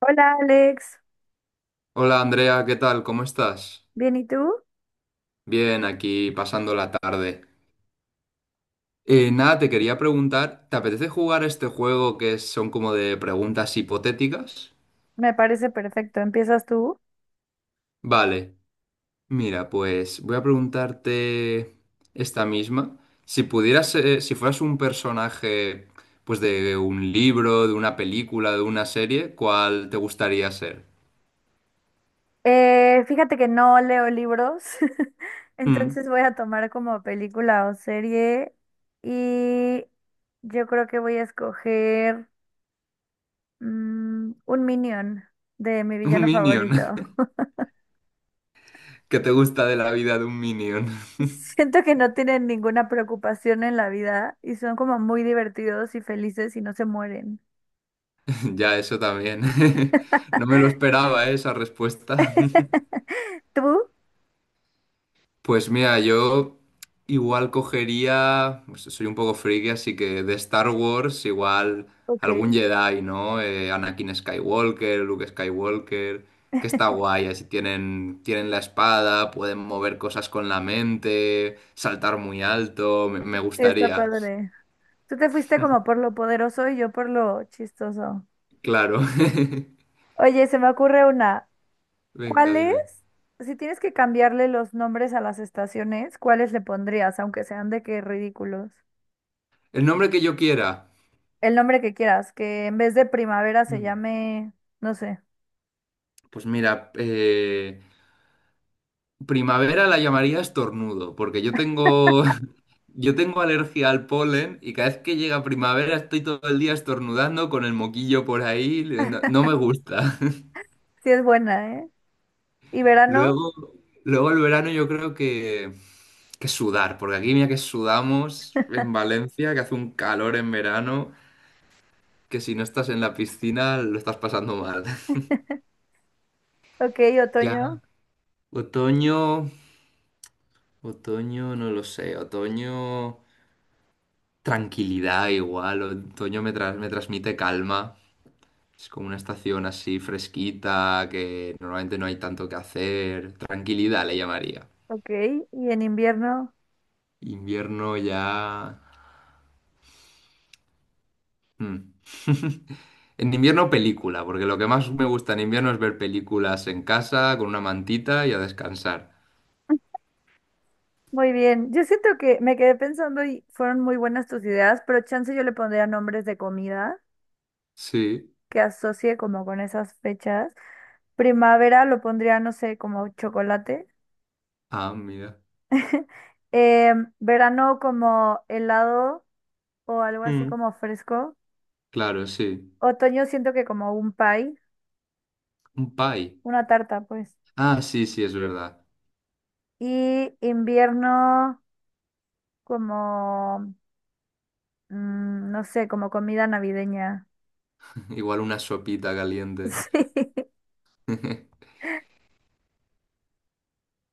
Hola Alex. Hola Andrea, ¿qué tal? ¿Cómo estás? ¿Bien y tú? Bien, aquí pasando la tarde. Nada, te quería preguntar, ¿te apetece jugar a este juego que son como de preguntas hipotéticas? Me parece perfecto, empiezas tú. Vale, mira, pues voy a preguntarte esta misma. Si pudieras, si fueras un personaje, pues de un libro, de una película, de una serie, ¿cuál te gustaría ser? Fíjate que no leo libros, Mm, entonces voy a tomar como película o serie y yo creo que voy a escoger un Minion de mi un villano minion. favorito. ¿Qué te gusta de la vida de un minion? Siento que no tienen ninguna preocupación en la vida y son como muy divertidos y felices y no se mueren. Ya, eso también. No me lo esperaba, ¿eh? Esa respuesta. ¿Tú? Pues mira, yo igual cogería, pues soy un poco friki, así que de Star Wars igual Ok, sí, algún Jedi, ¿no? Anakin Skywalker, Luke Skywalker, que está guay, así tienen, tienen la espada, pueden mover cosas con la mente, saltar muy alto, me está gustaría, padre. Tú te fuiste como por lo poderoso y yo por lo chistoso. claro. Oye, se me ocurre una. Venga, ¿Cuál es? dime. Si tienes que cambiarle los nombres a las estaciones, ¿cuáles le pondrías, aunque sean de qué ridículos? El nombre que yo quiera. El nombre que quieras, que en vez de primavera se Mm. llame, no sé, Pues mira, Primavera la llamaría estornudo, porque yo tengo, yo tengo alergia al polen y cada vez que llega primavera estoy todo el día estornudando con el moquillo por ahí, no, no me gusta. si es buena, ¿eh? Y verano, Luego, luego el verano yo creo que sudar, porque aquí mira que sudamos en Valencia, que hace un calor en verano, que si no estás en la piscina lo estás pasando mal. ok, Ya, otoño, otoño, otoño, no lo sé, otoño, tranquilidad igual. Otoño me transmite calma. Es como una estación así fresquita, que normalmente no hay tanto que hacer. Tranquilidad le llamaría. ok, y en invierno, Invierno ya, mm. En invierno película, porque lo que más me gusta en invierno es ver películas en casa, con una mantita y a descansar. muy bien. Yo siento que me quedé pensando y fueron muy buenas tus ideas, pero chance yo le pondría nombres de comida, Sí. que asocie como con esas fechas. Primavera lo pondría, no sé, como chocolate. Ah, mira. Verano como helado o algo así Mm, como fresco. claro, sí. Otoño siento que como un pie, Un pie. una tarta, pues. Ah, sí, sí, es verdad. Y invierno como, no sé, como comida navideña. Igual una sopita caliente. Sí.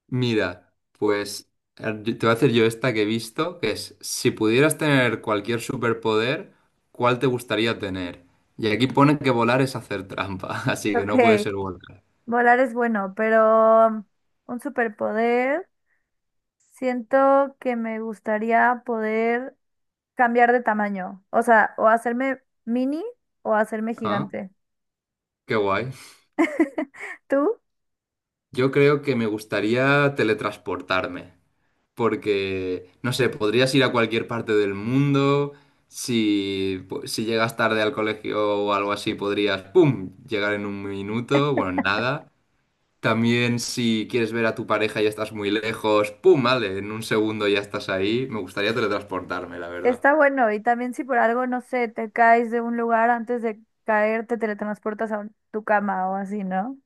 Mira, pues te voy a hacer yo esta que he visto, que es, si pudieras tener cualquier superpoder, ¿cuál te gustaría tener? Y aquí pone que volar es hacer trampa, así que Ok, no puede ser volar. volar es bueno, pero un superpoder. Siento que me gustaría poder cambiar de tamaño. O sea, o hacerme mini o hacerme Ah, gigante. qué guay. Tú, Yo creo que me gustaría teletransportarme, porque, no sé, podrías ir a cualquier parte del mundo, si llegas tarde al colegio o algo así, podrías, ¡pum!, llegar en un minuto, bueno, en nada. También si quieres ver a tu pareja y estás muy lejos, ¡pum! Vale, en un segundo ya estás ahí. Me gustaría teletransportarme, la verdad. está bueno. Y también si por algo, no sé, te caes de un lugar antes de caer, te teletransportas tu cama o así, ¿no?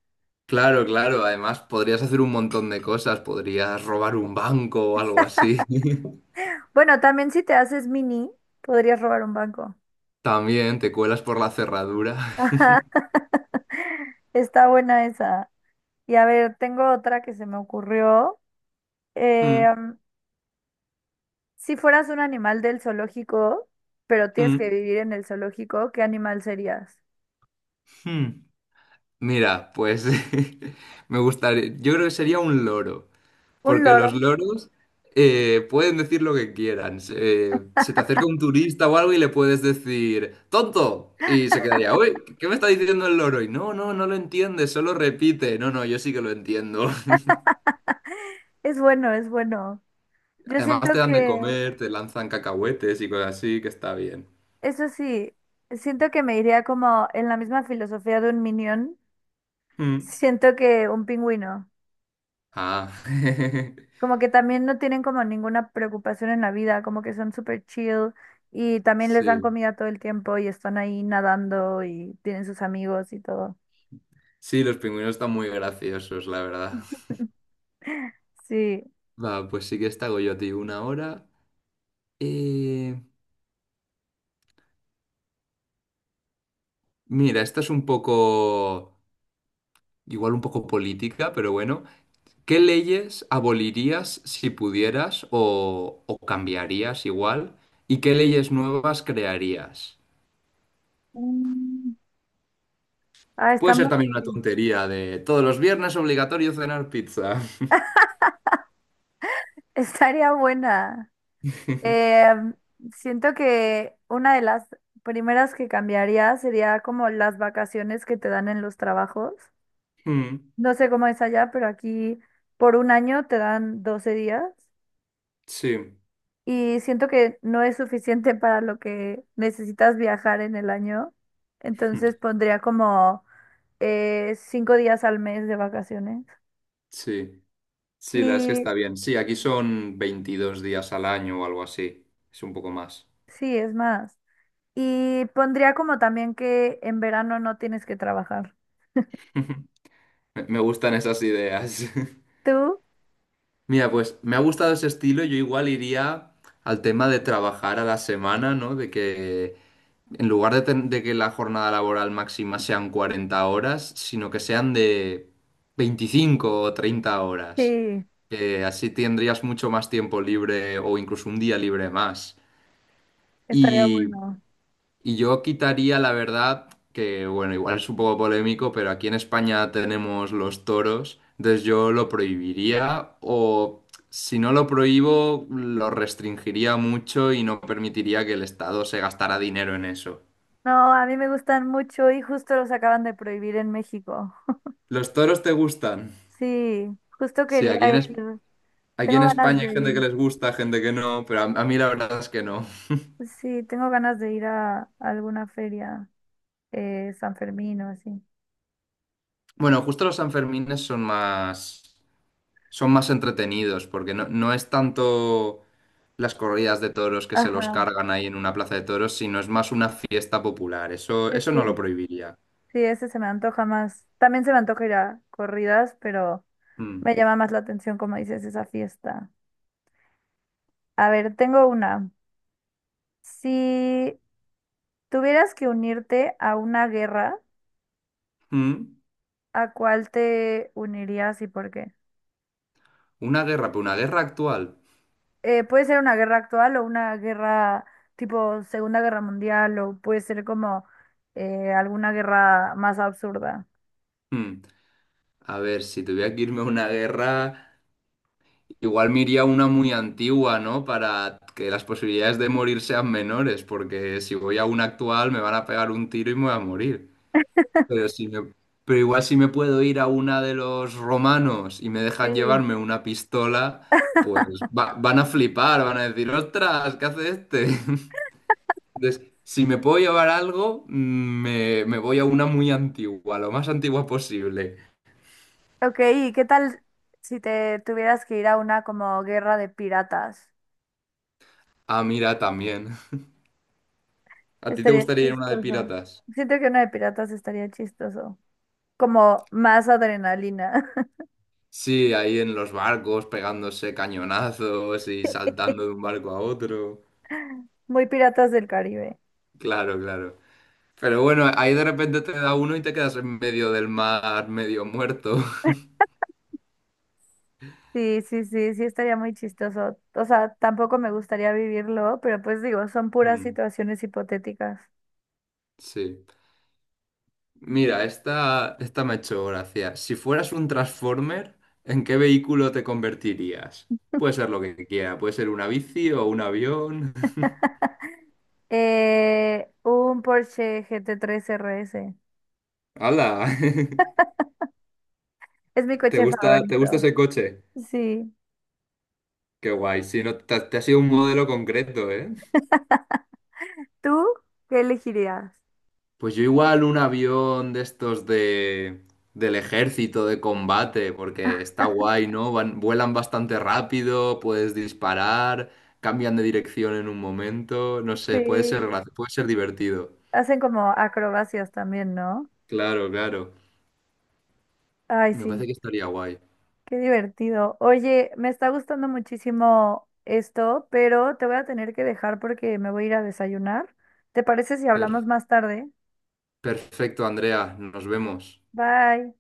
Claro, claro. Además, podrías hacer un montón de cosas. Podrías robar un banco o algo así. Bueno, también si te haces mini, podrías robar un banco. También te cuelas por la cerradura. Ajá. Está buena esa. Y a ver, tengo otra que se me ocurrió. Mm, Em, si fueras un animal del zoológico, pero tienes que mm, vivir en el zoológico, ¿qué animal serías? mm. Mira, pues me gustaría, yo creo que sería un loro. ¿Un Porque loro? los loros pueden decir lo que quieran. Se te acerca un turista o algo y le puedes decir, ¡tonto! Y se quedaría, uy, ¿qué me está diciendo el loro? Y no, no, no lo entiende, solo repite. No, no, yo sí que lo entiendo. Es bueno, es bueno. Yo Además te siento dan de que, comer, te lanzan cacahuetes y cosas así, que está bien. eso sí, siento que me iría como en la misma filosofía de un minion, Mm. siento que un pingüino, Ah, como que también no tienen como ninguna preocupación en la vida, como que son súper chill y también les dan sí. comida todo el tiempo y están ahí nadando y tienen sus amigos y todo. Sí, los pingüinos están muy graciosos, la verdad. Sí. Va, pues sí que esta hago yo a ti una hora. Eh, mira, esta es un poco, igual un poco política, pero bueno, ¿qué leyes abolirías si pudieras o cambiarías igual? ¿Y qué leyes nuevas crearías? Mm. Ah, está Puede ser muy... también una tontería de todos los viernes obligatorio cenar pizza. Estaría buena. Eh, Siento que una de las primeras que cambiaría sería como las vacaciones que te dan en los trabajos. Mm, No sé cómo es allá, pero aquí por un año te dan 12 días sí, y siento que no es suficiente para lo que necesitas viajar en el año. Entonces pondría como 5 días al mes de vacaciones. sí, sí, la es que Y está bien. Sí, aquí son 22 días al año o algo así. Es un poco más. sí, es más. Y pondría como también que en verano no tienes que trabajar. Me me gustan esas ideas. ¿Tú? Mira, pues me ha gustado ese estilo. Yo igual iría al tema de trabajar a la semana, ¿no? De que en lugar de que la jornada laboral máxima sean 40 horas, sino que sean de 25 o 30 horas. Sí. Que así tendrías mucho más tiempo libre o incluso un día libre más. Estaría bueno. Y yo quitaría, la verdad, que bueno, igual es un poco polémico, pero aquí en España tenemos los toros, entonces yo lo prohibiría o si no lo prohíbo, lo restringiría mucho y no permitiría que el Estado se gastara dinero en eso. No, a mí me gustan mucho y justo los acaban de prohibir en México. ¿Los toros te gustan? Sí, justo Sí, quería aquí ir. aquí Tengo en ganas España hay de gente que ir. les gusta, gente que no, pero a mí la verdad es que no. Sí, tengo ganas de ir a alguna feria, San Fermín o así. Bueno, justo los Sanfermines son más, son más entretenidos, porque no, no es tanto las corridas de toros que se los Ajá, cargan ahí en una plaza de toros, sino es más una fiesta popular. Eso, sí, eso no lo sí. prohibiría. Sí, ese se me antoja más. También se me antoja ir a corridas, pero Mm. me llama más la atención, como dices, esa fiesta. A ver, tengo una. Si tuvieras que unirte a una guerra, Mm. ¿a cuál te unirías y por qué? Una guerra, pero una guerra actual. Eh, puede ser una guerra actual o una guerra tipo Segunda Guerra Mundial o puede ser como alguna guerra más absurda. Mm. A ver, si tuviera que irme a una guerra, igual me iría a una muy antigua, ¿no? Para que las posibilidades de morir sean menores, porque si voy a una actual me van a pegar un tiro y me voy a morir. Pero, si me- pero igual si me puedo ir a una de los romanos y me dejan Sí. llevarme una pistola, pues van a flipar, van a decir, ostras, ¿qué hace este? Entonces, si me puedo llevar algo, mm, me voy a una muy antigua, lo más antigua posible. Ok, ¿y qué tal si te tuvieras que ir a una como guerra de piratas? Ah, mira, también. ¿A ti te Estaría gustaría ir a una de chistoso. piratas? Siento que una de piratas estaría chistoso. Como más adrenalina. Sí, ahí en los barcos, pegándose cañonazos y saltando de un barco a otro. Muy piratas del Caribe. Claro, claro. Pero bueno, ahí de repente te da uno y te quedas en medio del mar, medio muerto. Sí, sí, sí, sí, estaría muy chistoso. O sea, tampoco me gustaría vivirlo, pero pues digo, son puras Mm, situaciones hipotéticas. sí. Mira, esta me ha hecho gracia. Si fueras un Transformer, ¿en qué vehículo te convertirías? Puede ser lo que quiera, puede ser una bici o un avión. Un Porsche GT3 RS. ¡Hala! Es mi coche te gusta favorito. ese coche? Sí. Qué guay. Si no, te ha sido un modelo concreto, ¿eh? ¿Tú qué elegirías? Pues yo igual un avión de estos de del ejército de combate, porque está guay, ¿no? Vuelan bastante rápido, puedes disparar, cambian de dirección en un momento, no sé, puede ser Sí. Puede ser divertido. Hacen como acrobacias también, ¿no? Claro, claro. Ay, Me parece sí. que estaría guay. Qué divertido. Oye, me está gustando muchísimo esto, pero te voy a tener que dejar porque me voy a ir a desayunar. ¿Te parece si Per- hablamos más tarde? perfecto, Andrea, nos vemos. Bye.